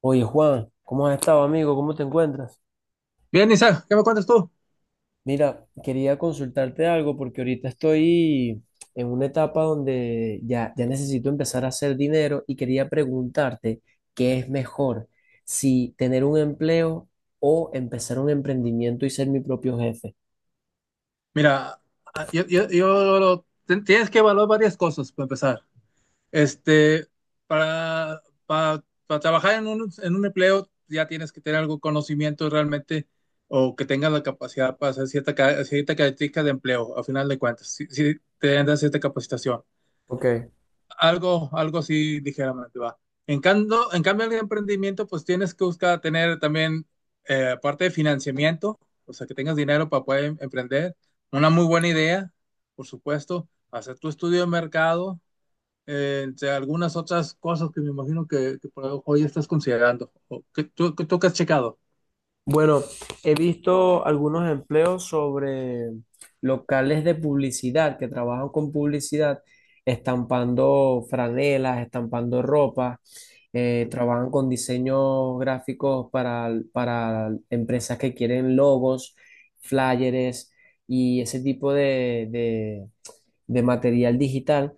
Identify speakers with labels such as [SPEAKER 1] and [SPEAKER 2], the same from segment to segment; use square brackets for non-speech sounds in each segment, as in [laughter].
[SPEAKER 1] Oye, Juan, ¿cómo has estado, amigo? ¿Cómo te encuentras?
[SPEAKER 2] Bien, Isaac, ¿qué me cuentas tú?
[SPEAKER 1] Mira, quería consultarte algo porque ahorita estoy en una etapa donde ya necesito empezar a hacer dinero y quería preguntarte qué es mejor, si tener un empleo o empezar un emprendimiento y ser mi propio jefe.
[SPEAKER 2] Mira, tienes que evaluar varias cosas para empezar. Este, para, para trabajar en en un empleo ya tienes que tener algún conocimiento realmente o que tengas la capacidad para hacer cierta característica de empleo, a final de cuentas, si te dan cierta capacitación.
[SPEAKER 1] Ok.
[SPEAKER 2] Algo así ligeramente va. En cambio, el emprendimiento, pues tienes que buscar tener también, aparte de financiamiento, o sea, que tengas dinero para poder emprender, una muy buena idea, por supuesto, hacer tu estudio de mercado, entre algunas otras cosas que me imagino que por ahí hoy estás considerando, o que tú que has checado.
[SPEAKER 1] Bueno, he visto algunos empleos sobre locales de publicidad que trabajan con publicidad, estampando franelas, estampando ropa, trabajan con diseños gráficos para empresas que quieren logos, flyers y ese tipo de material digital.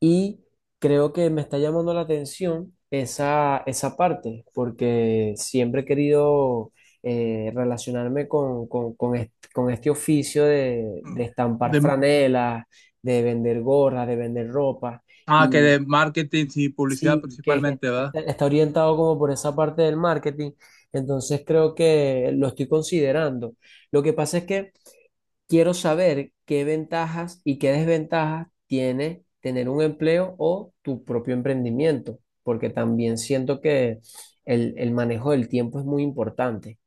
[SPEAKER 1] Y creo que me está llamando la atención esa parte, porque siempre he querido relacionarme con este oficio de estampar
[SPEAKER 2] De,
[SPEAKER 1] franelas, de vender gorras, de vender ropa.
[SPEAKER 2] ah, que
[SPEAKER 1] Y
[SPEAKER 2] de marketing y publicidad
[SPEAKER 1] sí, que
[SPEAKER 2] principalmente,
[SPEAKER 1] que
[SPEAKER 2] ¿verdad?
[SPEAKER 1] está, está orientado como por esa parte del marketing. Entonces creo que lo estoy considerando. Lo que pasa es que quiero saber qué ventajas y qué desventajas tiene tener un empleo o tu propio emprendimiento, porque también siento que el manejo del tiempo es muy importante.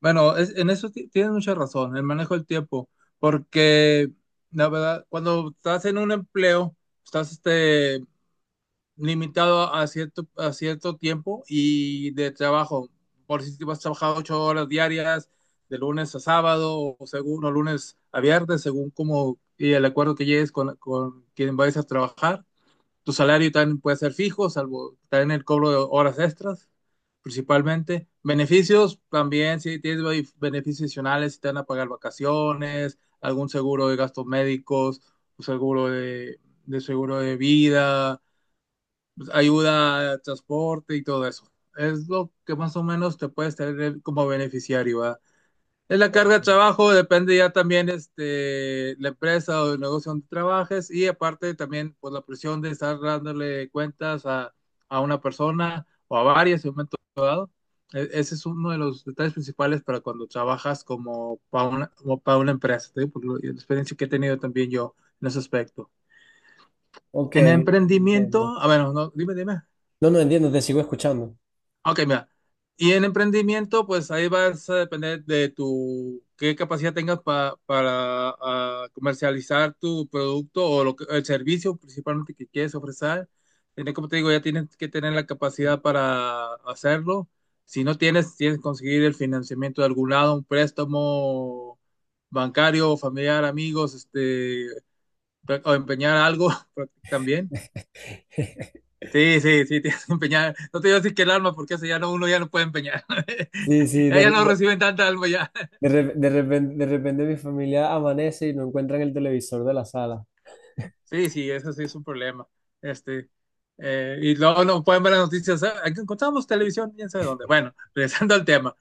[SPEAKER 2] Bueno, en eso tienes mucha razón, el manejo del tiempo, porque la verdad, cuando estás en un empleo, estás limitado a a cierto tiempo y de trabajo. Por si te vas a trabajar ocho horas diarias, de lunes a sábado, o según, o lunes a viernes, según como y el acuerdo que llegues con quien vayas a trabajar. Tu salario también puede ser fijo, salvo también el cobro de horas extras, principalmente. Beneficios también, si tienes beneficios adicionales, si te van a pagar vacaciones, algún seguro de gastos médicos, un seguro de seguro de vida, pues, ayuda transporte y todo eso. Es lo que más o menos te puedes tener como beneficiario, ¿verdad? Es la carga de trabajo, depende ya también la empresa o el negocio donde trabajes y aparte también pues, la presión de estar dándole cuentas a una persona o a varias en un momento dado. Ese es uno de los detalles principales para cuando trabajas como para una empresa, te digo, por la experiencia que he tenido también yo en ese aspecto.
[SPEAKER 1] Ok,
[SPEAKER 2] En
[SPEAKER 1] ok, entiendo.
[SPEAKER 2] emprendimiento, a ver, no, dime.
[SPEAKER 1] No, no entiendo, te sigo escuchando.
[SPEAKER 2] Ok, mira. Y en emprendimiento, pues ahí vas a depender de tu, qué capacidad tengas para comercializar tu producto o el servicio principalmente que quieres ofrecer. Tienes, como te digo, ya tienes que tener la capacidad para hacerlo. Si no tienes, tienes que conseguir el financiamiento de algún lado, un préstamo bancario, familiar, amigos, o empeñar algo [laughs] también. Sí, sí, sí, [laughs] tienes que empeñar. No te digo así que el alma, porque eso ya no, uno ya no puede empeñar.
[SPEAKER 1] Sí,
[SPEAKER 2] [laughs]
[SPEAKER 1] sí,
[SPEAKER 2] Ya, ya no reciben tanta alma ya.
[SPEAKER 1] de repente, mi familia amanece y no encuentran el televisor de la sala.
[SPEAKER 2] Sí, sí, eso sí es un problema. Este, y luego no pueden ver las noticias. "Ah, aquí encontramos televisión, quién sabe dónde." Bueno, [laughs] regresando al tema.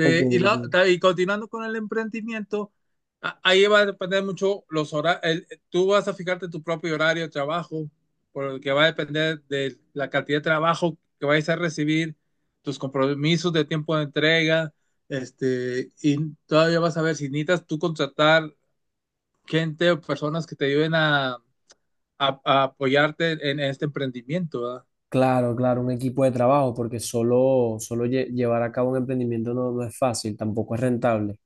[SPEAKER 1] Ok,
[SPEAKER 2] y,
[SPEAKER 1] ok.
[SPEAKER 2] Y continuando con el emprendimiento, ahí va a depender mucho los horarios. Tú vas a fijarte tu propio horario de trabajo, por el que va a depender de la cantidad de trabajo que vayas a recibir, tus compromisos de tiempo de entrega. Y todavía vas a ver si necesitas tú contratar gente o personas que te ayuden a apoyarte en este emprendimiento, ¿verdad?
[SPEAKER 1] Claro, claro, un equipo de trabajo, porque llevar a cabo un emprendimiento no, no es fácil, tampoco es rentable.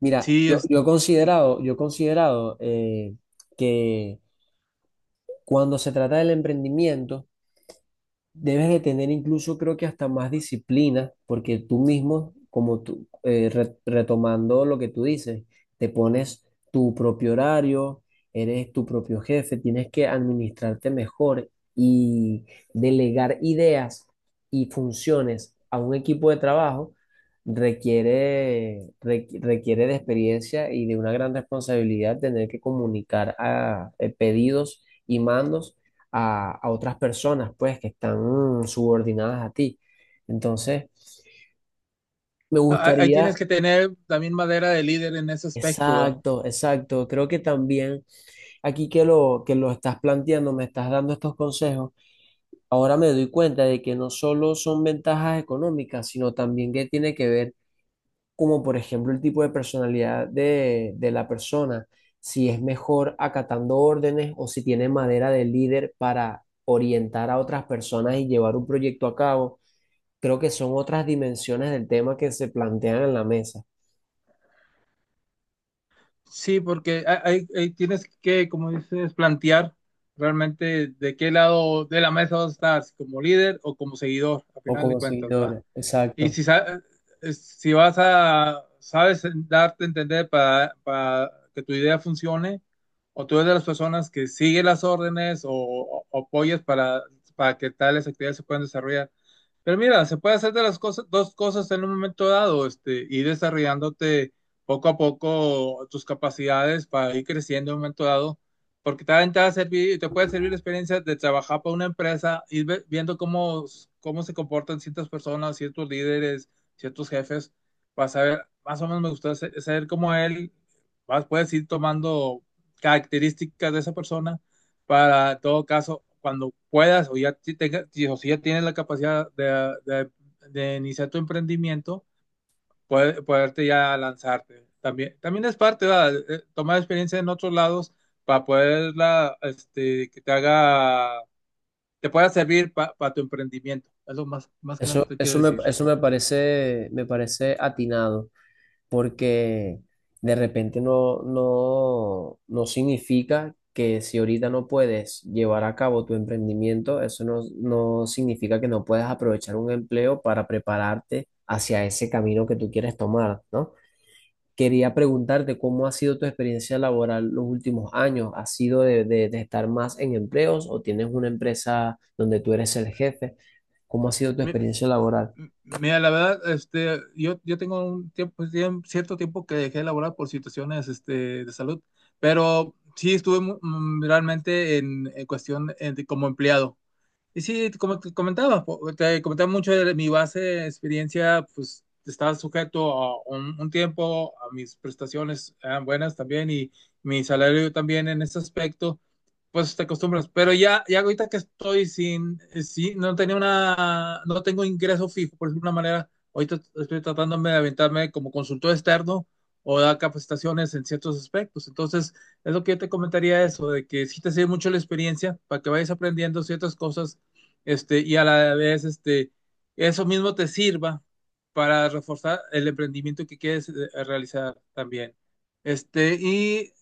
[SPEAKER 1] Mira,
[SPEAKER 2] Sí, es,
[SPEAKER 1] yo he considerado que cuando se trata del emprendimiento, debes de tener incluso, creo que hasta más disciplina, porque tú mismo, como tú, retomando lo que tú dices, te pones tu propio horario, eres tu propio jefe, tienes que administrarte mejor y delegar ideas y funciones a un equipo de trabajo requiere, requiere de experiencia y de una gran responsabilidad tener que comunicar a, pedidos y mandos a otras personas, pues, que están subordinadas a ti. Entonces, me
[SPEAKER 2] ahí tienes
[SPEAKER 1] gustaría,
[SPEAKER 2] que tener también madera de líder en ese aspecto, ¿verdad?
[SPEAKER 1] exacto, exacto, creo que también aquí que lo estás planteando, me estás dando estos consejos, ahora me doy cuenta de que no solo son ventajas económicas, sino también que tiene que ver, como por ejemplo, el tipo de personalidad de la persona, si es mejor acatando órdenes o si tiene madera de líder para orientar a otras personas y llevar un proyecto a cabo. Creo que son otras dimensiones del tema que se plantean en la mesa
[SPEAKER 2] Sí, porque ahí tienes que, como dices, plantear realmente de qué lado de la mesa vas a estar, si como líder o como seguidor, a
[SPEAKER 1] o
[SPEAKER 2] final de
[SPEAKER 1] como
[SPEAKER 2] cuentas, ¿verdad?
[SPEAKER 1] seguidores.
[SPEAKER 2] Y
[SPEAKER 1] Exacto.
[SPEAKER 2] si vas a, sabes darte a entender para que tu idea funcione, o tú eres de las personas que sigue las órdenes o apoyas para que tales actividades se puedan desarrollar. Pero mira, se puede hacer de las cosas, dos cosas en un momento dado, ir desarrollándote poco a poco tus capacidades para ir creciendo en un momento dado porque también te va a servir, te puede servir la experiencia de trabajar para una empresa, ir viendo cómo se comportan ciertas personas, ciertos líderes, ciertos jefes, para saber, más o menos me gusta saber cómo él, vas, puedes ir tomando características de esa persona para, en todo caso, cuando puedas o ya o si ya tienes la capacidad de, de de iniciar tu emprendimiento poderte ya lanzarte. También es parte, ¿verdad? Tomar experiencia en otros lados para poderla, que te haga, te pueda servir para tu emprendimiento. Es lo más, más que nada te quiero decir.
[SPEAKER 1] Eso me parece atinado porque de repente no significa que si ahorita no puedes llevar a cabo tu emprendimiento, eso no significa que no puedas aprovechar un empleo para prepararte hacia ese camino que tú quieres tomar, ¿no? Quería preguntarte cómo ha sido tu experiencia laboral los últimos años. ¿Ha sido de estar más en empleos o tienes una empresa donde tú eres el jefe? ¿Cómo ha sido tu
[SPEAKER 2] Mi-
[SPEAKER 1] experiencia laboral?
[SPEAKER 2] Mira, la verdad, yo tengo un tiempo, cierto tiempo que dejé de laborar por situaciones, de salud, pero sí estuve realmente en cuestión como empleado. Y sí, como te comentaba, te comentaba mucho de mi base de experiencia, pues estaba sujeto a un tiempo, a mis prestaciones eran buenas también y mi salario también en ese aspecto, pues te acostumbras. Pero ya, ya ahorita que estoy sin, sin, no tenía una, no tengo ingreso fijo, por decirlo de una manera, ahorita estoy tratándome de aventarme como consultor externo o dar capacitaciones en ciertos aspectos. Entonces, es lo que yo te comentaría eso, de que sí te sirve mucho la experiencia para que vayas aprendiendo ciertas cosas y a la vez, eso mismo te sirva para reforzar el emprendimiento que quieres realizar también. Este, y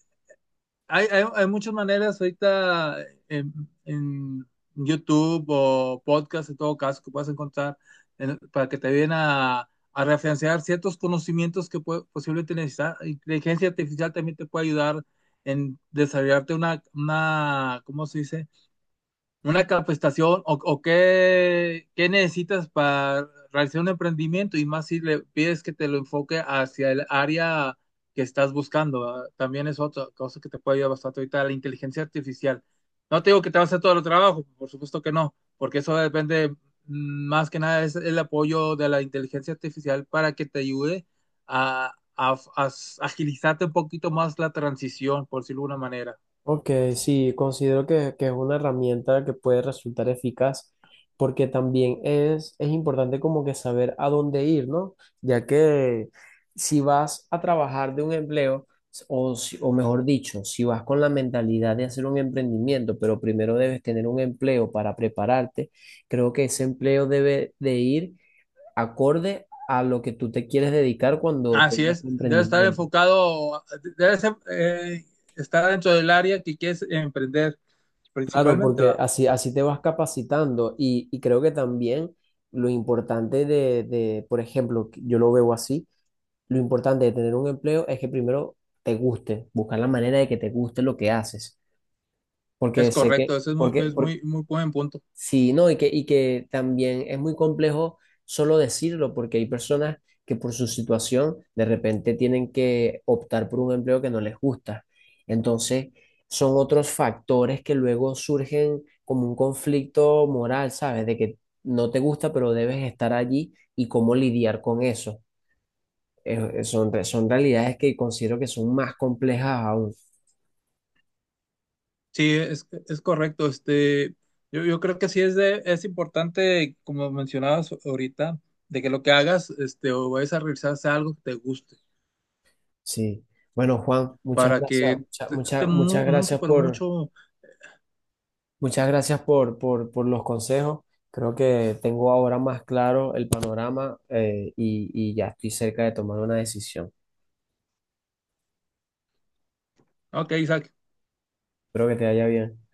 [SPEAKER 2] hay muchas maneras ahorita en, en YouTube o podcast, en todo caso, que puedas encontrar para que te ayuden a referenciar ciertos conocimientos que posiblemente necesitas. Inteligencia artificial también te puede ayudar en desarrollarte una, ¿cómo se dice? Una capacitación o qué, qué necesitas para realizar un emprendimiento y más si le pides que te lo enfoque hacia el área que estás buscando, ¿verdad? También es otra cosa que te puede ayudar bastante ahorita, la inteligencia artificial. No te digo que te va a hacer todo el trabajo, por supuesto que no, porque eso depende más que nada es el apoyo de la inteligencia artificial para que te ayude a agilizarte un poquito más la transición, por decirlo de alguna manera.
[SPEAKER 1] Ok, sí, considero que es una herramienta que puede resultar eficaz porque también es importante como que saber a dónde ir, ¿no? Ya que si vas a trabajar de un empleo, o, o mejor dicho, si vas con la mentalidad de hacer un emprendimiento, pero primero debes tener un empleo para prepararte, creo que ese empleo debe de ir acorde a lo que tú te quieres dedicar cuando
[SPEAKER 2] Así
[SPEAKER 1] tengas
[SPEAKER 2] es,
[SPEAKER 1] tu
[SPEAKER 2] debe estar
[SPEAKER 1] emprendimiento.
[SPEAKER 2] enfocado, debe ser, estar dentro del área que quieres emprender
[SPEAKER 1] Claro,
[SPEAKER 2] principalmente,
[SPEAKER 1] porque
[SPEAKER 2] va.
[SPEAKER 1] así te vas capacitando y creo que también lo importante por ejemplo, que yo lo veo así, lo importante de tener un empleo es que primero te guste, buscar la manera de que te guste lo que haces, porque
[SPEAKER 2] Es
[SPEAKER 1] sé que,
[SPEAKER 2] correcto, eso
[SPEAKER 1] porque,
[SPEAKER 2] es
[SPEAKER 1] por-
[SPEAKER 2] muy, muy buen punto.
[SPEAKER 1] Sí, no, y que también es muy complejo solo decirlo, porque hay personas que por su situación de repente tienen que optar por un empleo que no les gusta. Entonces, son otros factores que luego surgen como un conflicto moral, ¿sabes? De que no te gusta, pero debes estar allí y cómo lidiar con eso. Son realidades que considero que son más complejas aún.
[SPEAKER 2] Sí, es correcto. Yo creo que sí es de, es importante, como mencionabas ahorita, de que lo que hagas, o vayas a realizar sea algo que te guste,
[SPEAKER 1] Sí. Bueno, Juan, muchas
[SPEAKER 2] para
[SPEAKER 1] gracias,
[SPEAKER 2] que
[SPEAKER 1] muchas
[SPEAKER 2] esté
[SPEAKER 1] muchas muchas
[SPEAKER 2] mucho,
[SPEAKER 1] gracias
[SPEAKER 2] pero
[SPEAKER 1] por
[SPEAKER 2] mucho,
[SPEAKER 1] muchas gracias por los consejos. Creo que tengo ahora más claro el panorama y ya estoy cerca de tomar una decisión.
[SPEAKER 2] ok, Isaac,
[SPEAKER 1] Espero que te vaya bien.